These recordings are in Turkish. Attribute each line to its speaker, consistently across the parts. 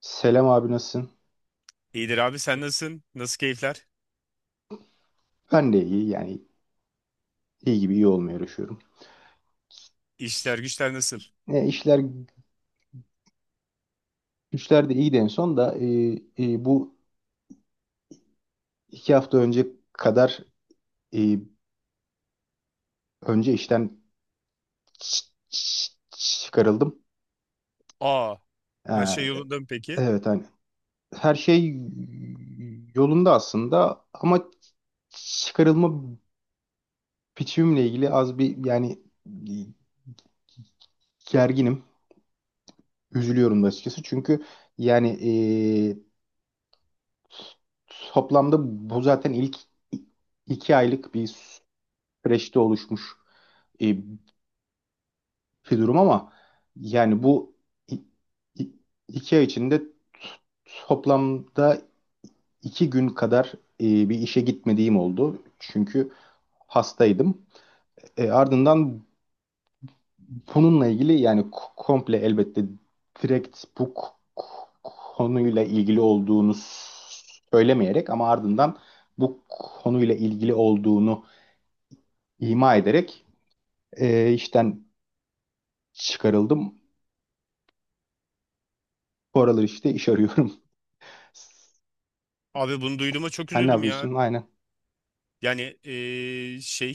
Speaker 1: Selam abi nasılsın?
Speaker 2: İyidir abi, sen nasılsın? Nasıl keyifler?
Speaker 1: Ben de iyi yani iyi gibi iyi olmaya uğraşıyorum.
Speaker 2: İşler güçler nasıl?
Speaker 1: İşler güçler de iyiydi en son da bu 2 hafta önce kadar e, önce işten ç- ç- çıkarıldım.
Speaker 2: Aa, her şey
Speaker 1: E,
Speaker 2: yolunda mı peki?
Speaker 1: evet hani her şey yolunda aslında ama çıkarılma biçimimle ilgili az bir yani gerginim. Üzülüyorum da açıkçası çünkü yani e, toplamda bu zaten ilk 2 aylık bir süreçte oluşmuş e, bir durum ama yani bu i- i- 2 ay içinde toplamda 2 gün kadar e, bir işe gitmediğim oldu. Çünkü hastaydım. Ardından bununla ilgili yani komple elbette direkt bu k- konuyla ilgili olduğunu söylemeyerek ama ardından bu konuyla ilgili olduğunu ima ederek işten çıkarıldım. Bu aralar işte iş arıyorum.
Speaker 2: Abi, bunu duyduğuma çok
Speaker 1: Sen ne
Speaker 2: üzüldüm ya.
Speaker 1: yapıyorsun? Aynen.
Speaker 2: Yani şey,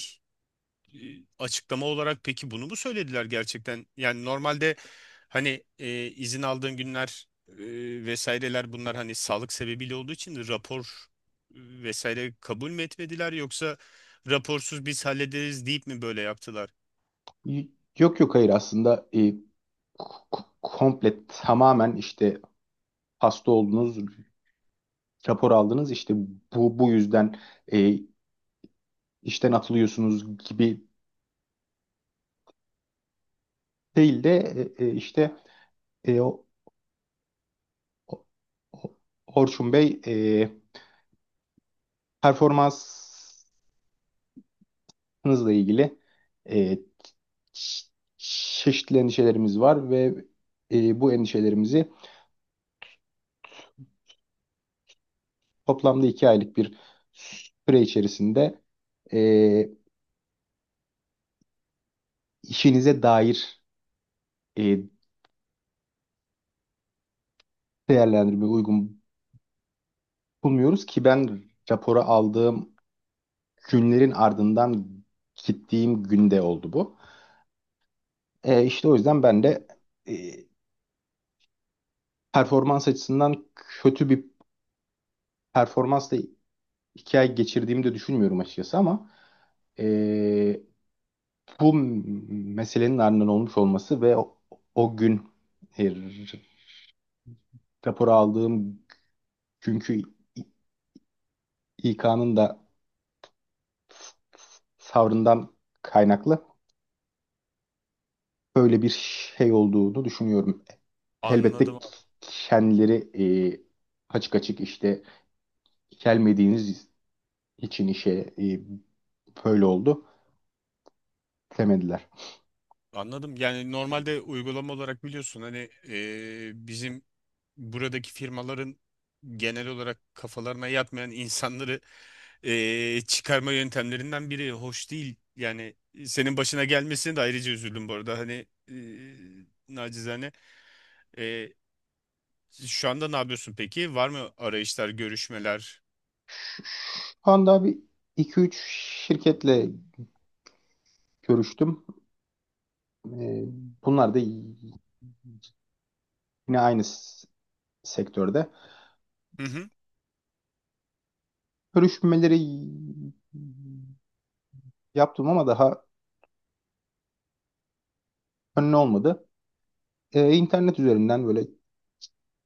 Speaker 2: açıklama olarak peki bunu mu söylediler gerçekten? Yani normalde hani izin aldığın günler, vesaireler, bunlar hani sağlık sebebiyle olduğu için rapor vesaire kabul mü etmediler, yoksa raporsuz biz hallederiz deyip mi böyle yaptılar?
Speaker 1: Y- Yok yok hayır aslında komple tamamen işte hasta oldunuz, rapor aldınız işte bu yüzden e, işten atılıyorsunuz gibi değil de işte e, o, o- o- Orçun Bey performansınızla ilgili e, ç- çeşitli endişelerimiz var ve bu endişelerimizi toplamda 2 aylık bir süre içerisinde e, işinize dair e, değerlendirmeye uygun bulmuyoruz ki ben rapora aldığım günlerin ardından gittiğim günde oldu bu. İşte o yüzden ben de e, performans açısından kötü bir performansla 2 ay geçirdiğimi de düşünmüyorum açıkçası ama e, bu meselenin ardından olmuş olması ve o gün e, raporu aldığım günkü İK'nın da savrından kaynaklı böyle bir şey olduğunu düşünüyorum. Elbette
Speaker 2: Anladım.
Speaker 1: kendileri e, açık açık işte gelmediğiniz için işe e, böyle oldu demediler.
Speaker 2: Anladım. Yani normalde uygulama olarak biliyorsun, hani bizim buradaki firmaların genel olarak kafalarına yatmayan insanları çıkarma yöntemlerinden biri hoş değil. Yani senin başına gelmesine de ayrıca üzüldüm bu arada. Hani nacizane. E, Şu anda ne yapıyorsun peki? Var mı arayışlar, görüşmeler?
Speaker 1: Şu anda bir iki üç şirketle görüştüm. E, Bunlar da yine aynı sektörde. Görüşmeleri yaptım ama daha önüne olmadı. İnternet üzerinden böyle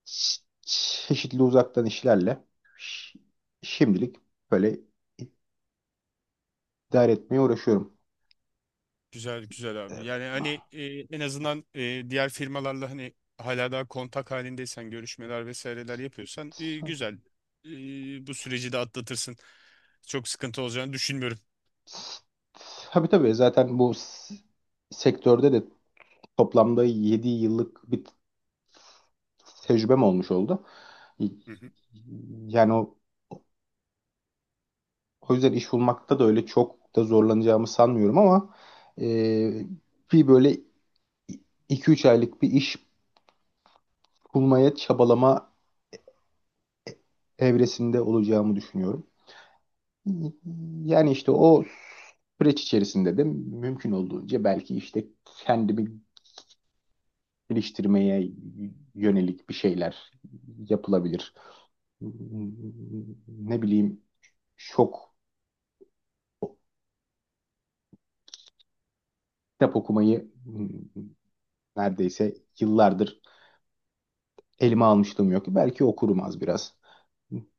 Speaker 1: çeşitli uzaktan işlerle ş- şimdilik böyle idare etmeye uğraşıyorum.
Speaker 2: Güzel güzel abi. Yani hani en azından diğer firmalarla hani hala daha kontak halindeysen, görüşmeler vesaireler yapıyorsan, güzel. Bu süreci de atlatırsın. Çok sıkıntı olacağını düşünmüyorum.
Speaker 1: Tabii tabii zaten bu sektörde de toplamda 7 yıllık bir tecrübem olmuş oldu.
Speaker 2: Hı.
Speaker 1: Yani o yüzden iş bulmakta da öyle çok da zorlanacağımı sanmıyorum ama e, bir böyle 2-3 aylık bir iş bulmaya çabalama evresinde olacağımı düşünüyorum. Yani işte o süreç içerisinde de mümkün olduğunca belki işte kendimi geliştirmeye yönelik bir şeyler yapılabilir. Ne bileyim çok kitap okumayı neredeyse yıllardır elime almışlığım yok. Belki okurum az biraz.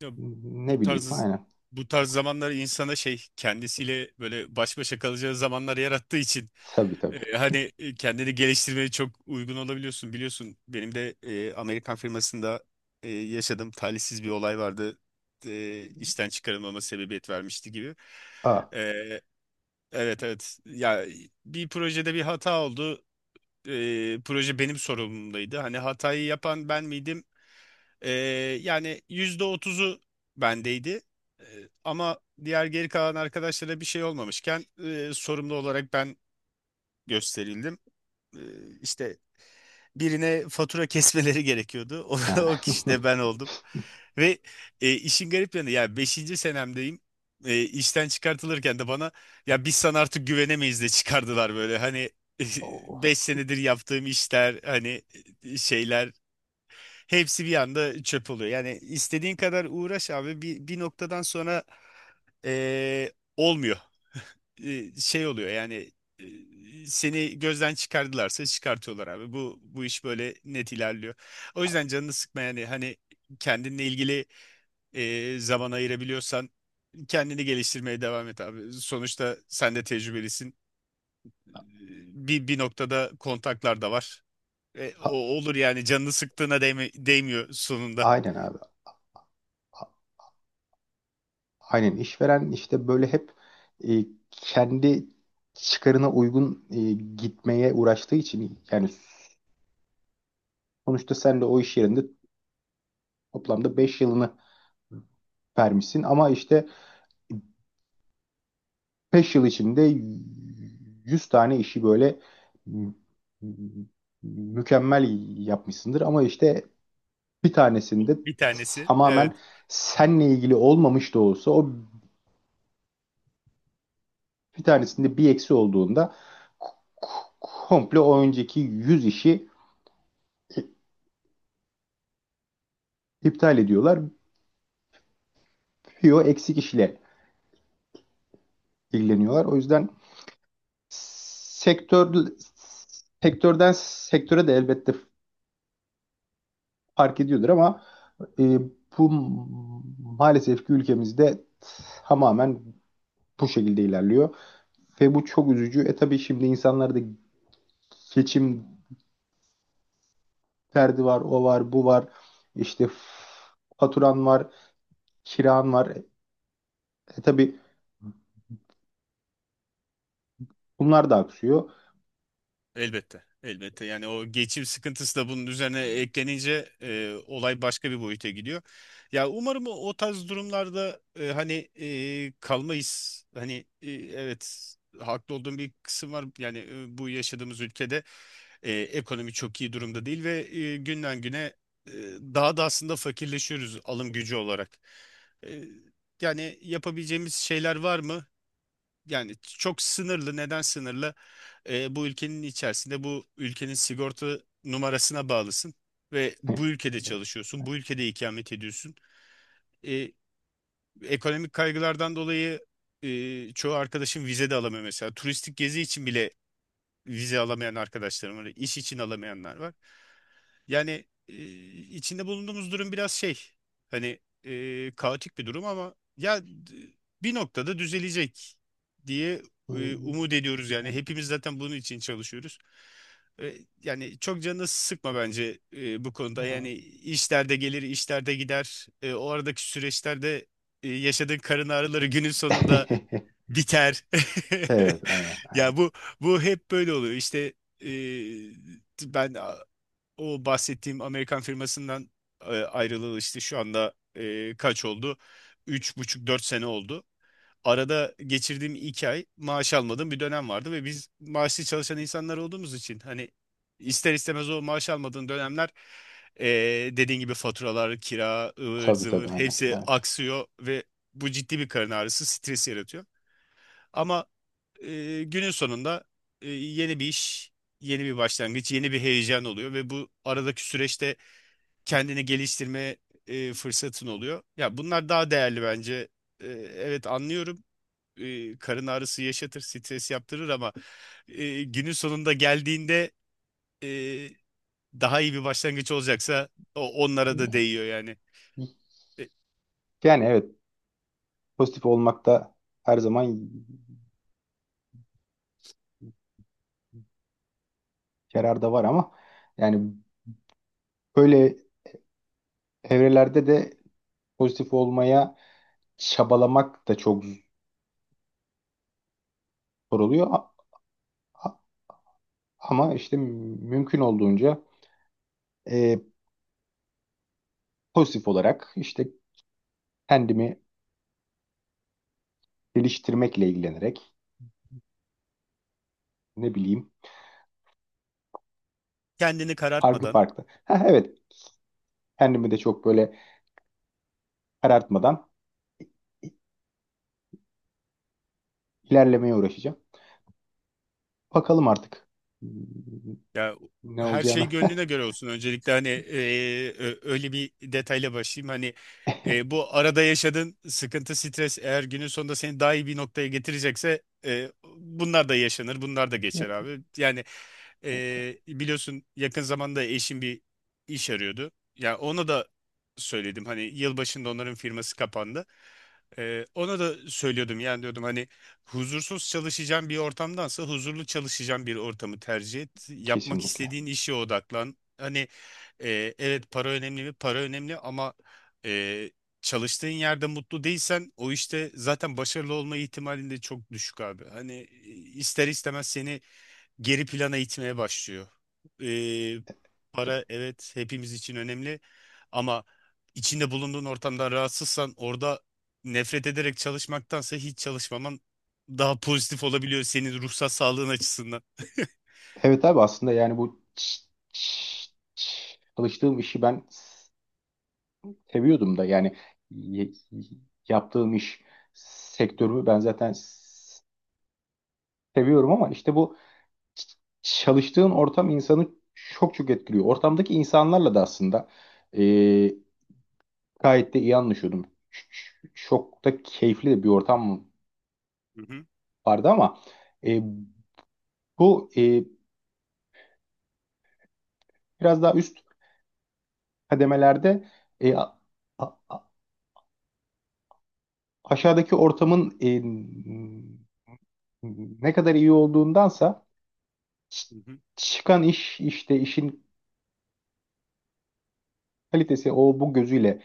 Speaker 2: Ya
Speaker 1: Ne
Speaker 2: bu
Speaker 1: bileyim
Speaker 2: tarz
Speaker 1: aynen.
Speaker 2: bu tarz zamanlar insana şey, kendisiyle böyle baş başa kalacağı zamanlar yarattığı için
Speaker 1: Tabii tabii.
Speaker 2: hani kendini geliştirmeye çok uygun olabiliyorsun. Biliyorsun benim de Amerikan firmasında yaşadığım talihsiz bir olay vardı. İşten çıkarılmama sebebiyet vermişti gibi.
Speaker 1: Aa.
Speaker 2: E, evet, evet. Ya bir projede bir hata oldu. Proje benim sorumluluğumdaydı. Hani hatayı yapan ben miydim? Ee, Yani %30'u bendeydi. Ee, Ama diğer geri kalan arkadaşlara bir şey olmamışken, sorumlu olarak ben gösterildim. İşte birine fatura kesmeleri gerekiyordu.
Speaker 1: Ha.
Speaker 2: O kişi de ben oldum. Ve işin garip yanı, ya beşinci senemdeyim. İşten çıkartılırken de bana "ya biz sana artık güvenemeyiz" de çıkardılar böyle. Hani 5
Speaker 1: O-
Speaker 2: senedir yaptığım işler, hani şeyler, hepsi bir anda çöp oluyor. Yani istediğin kadar uğraş abi, bir noktadan sonra olmuyor. Şey oluyor yani, seni gözden çıkardılarsa çıkartıyorlar abi. Bu iş böyle net ilerliyor. O yüzden canını sıkma, yani hani kendinle ilgili zaman ayırabiliyorsan, kendini geliştirmeye devam et abi. Sonuçta sen de tecrübelisin. Bir noktada kontaklar da var. O
Speaker 1: a-
Speaker 2: olur yani, canını sıktığına değmiyor sonunda.
Speaker 1: Aynen abi. A- Aynen işveren işte böyle hep e, kendi çıkarına uygun gitmeye uğraştığı için yani sonuçta sen de o iş yerinde toplamda 5 yılını vermişsin ama işte 5 yıl içinde 100 tane işi böyle mü- mükemmel yapmışsındır ama işte bir tanesinde
Speaker 2: Bir tanesi. Evet.
Speaker 1: tamamen seninle ilgili olmamış da olsa o bir tanesinde bir eksi olduğunda komple o önceki 100 işi iptal ediyorlar. Bir o eksik işle ilgileniyorlar. O yüzden sektör sektörden sektöre de elbette fark ediyordur ama e, bu maalesef ki ülkemizde tamamen bu şekilde ilerliyor. Ve bu çok üzücü. Tabii şimdi insanlarda geçim derdi var, o var, bu var. İşte faturan var, kiran var. Tabii bunlar da aksıyor.
Speaker 2: Elbette. Elbette. Yani o geçim sıkıntısı da bunun üzerine eklenince olay başka bir boyuta gidiyor. Ya umarım o tarz durumlarda hani kalmayız. Hani evet, haklı olduğum bir kısım var. Yani bu yaşadığımız ülkede ekonomi çok iyi durumda değil ve günden güne e, daha da aslında fakirleşiyoruz, alım gücü olarak. E, Yani yapabileceğimiz şeyler var mı? Yani çok sınırlı. Neden sınırlı? Bu ülkenin içerisinde bu ülkenin sigorta numarasına bağlısın ve bu ülkede çalışıyorsun, bu ülkede ikamet ediyorsun. Ee, Ekonomik kaygılardan dolayı çoğu arkadaşım vize de alamıyor mesela. Turistik gezi için bile vize alamayan arkadaşlarım var, iş için alamayanlar var. Yani içinde bulunduğumuz durum biraz şey, hani kaotik bir durum, ama bir noktada düzelecek diye umut ediyoruz yani. Hepimiz zaten bunun için çalışıyoruz. E, Yani çok canını sıkma bence bu konuda. Yani işlerde gelir, işlerde gider. O aradaki süreçlerde yaşadığın karın ağrıları günün sonunda biter.
Speaker 1: Evet, aynen,
Speaker 2: Ya
Speaker 1: aynen.
Speaker 2: bu hep böyle oluyor. İşte e, ben o bahsettiğim Amerikan firmasından ayrılalı işte şu anda kaç oldu? Üç buçuk, dört sene oldu. Arada geçirdiğim 2 ay maaş almadığım bir dönem vardı ve biz maaşlı çalışan insanlar olduğumuz için, hani ister istemez o maaş almadığın dönemler, e, dediğin gibi faturalar, kira, ıvır
Speaker 1: Tabii tabii,
Speaker 2: zıvır
Speaker 1: aynen.
Speaker 2: hepsi
Speaker 1: Evet.
Speaker 2: aksıyor ve bu ciddi bir karın ağrısı, stres yaratıyor. Ama günün sonunda yeni bir iş, yeni bir başlangıç, yeni bir heyecan oluyor ve bu aradaki süreçte kendini geliştirme fırsatın oluyor. Ya bunlar daha değerli bence. E, evet, anlıyorum. Karın ağrısı yaşatır, stres yaptırır, ama günün sonunda geldiğinde e, daha iyi bir başlangıç olacaksa o onlara da değiyor yani. E,
Speaker 1: Yani evet, pozitif olmakta her zaman yarar da var ama yani böyle evrelerde de pozitif olmaya çabalamak da çok zor oluyor. A- Ama işte mümkün olduğunca e, pozitif olarak işte kendimi geliştirmekle ilgilenerek ne bileyim
Speaker 2: Kendini
Speaker 1: farklı
Speaker 2: karartmadan.
Speaker 1: farklı. Ha, evet. Kendimi de çok böyle karartmadan ilerlemeye uğraşacağım. Bakalım artık hmm,
Speaker 2: Ya
Speaker 1: ne
Speaker 2: her
Speaker 1: olacağını.
Speaker 2: şey gönlüne göre olsun. Öncelikle hani öyle bir detayla başlayayım. Hani bu arada yaşadığın sıkıntı, stres eğer günün sonunda seni daha iyi bir noktaya getirecekse, bunlar da yaşanır, bunlar da geçer abi. Yani
Speaker 1: Evet,
Speaker 2: biliyorsun, yakın zamanda eşim bir iş arıyordu. Ya ona da söyledim. Hani yılbaşında onların firması kapandı. Ona da söylüyordum. Yani diyordum hani huzursuz çalışacağın bir ortamdansa huzurlu çalışacağın bir ortamı tercih et. Yapmak
Speaker 1: kesinlikle.
Speaker 2: istediğin işe odaklan. Hani evet, para önemli mi? Para önemli, ama e, çalıştığın yerde mutlu değilsen o işte zaten başarılı olma ihtimalin de çok düşük abi. Hani ister istemez seni geri plana itmeye başlıyor. Ee, Para, evet, hepimiz için önemli, ama içinde bulunduğun ortamdan rahatsızsan orada nefret ederek çalışmaktansa hiç çalışmaman daha pozitif olabiliyor senin ruhsal sağlığın açısından.
Speaker 1: Evet abi aslında yani bu ç- çalıştığım işi ben seviyordum da yani y- yaptığım iş sektörümü ben zaten seviyorum ama işte bu ç- çalıştığın ortam insanı çok çok etkiliyor. Ortamdaki insanlarla da aslında gayet de iyi anlaşıyordum. Çok da keyifli de bir ortam
Speaker 2: Hı hı.
Speaker 1: vardı ama e, bu biraz daha üst kademelerde e, a- a- a- aşağıdaki ortamın ne kadar iyi olduğundansa ç-
Speaker 2: Hı hı.
Speaker 1: çıkan iş işte işin kalitesi o bu gözüyle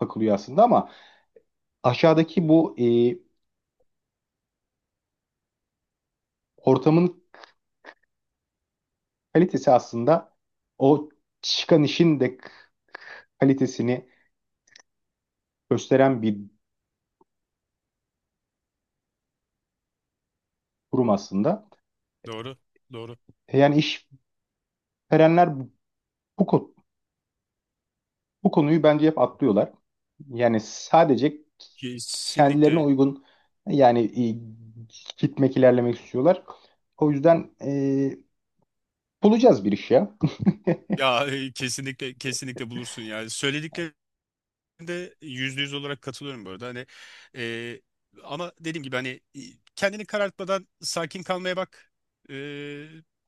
Speaker 1: bakılıyor aslında ama aşağıdaki bu ortamın kalitesi aslında o çıkan işin de kalitesini gösteren bir durum aslında.
Speaker 2: Doğru, doğru.
Speaker 1: Yani işverenler bu ko- bu konuyu bence hep atlıyorlar. Yani sadece kendilerine
Speaker 2: Kesinlikle.
Speaker 1: uygun yani e, gitmek ilerlemek istiyorlar. O yüzden bulacağız bir iş ya.
Speaker 2: Ya kesinlikle, kesinlikle bulursun. Yani söylediklerinde %100 olarak katılıyorum bu arada, hani e, ama dediğim gibi hani kendini karartmadan sakin kalmaya bak.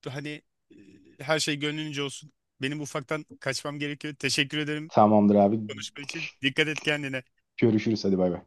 Speaker 2: Hani e, her şey gönlünce olsun. Benim ufaktan kaçmam gerekiyor, teşekkür ederim
Speaker 1: Tamamdır abi.
Speaker 2: konuşma için. Dikkat et kendine.
Speaker 1: Görüşürüz hadi bay bay.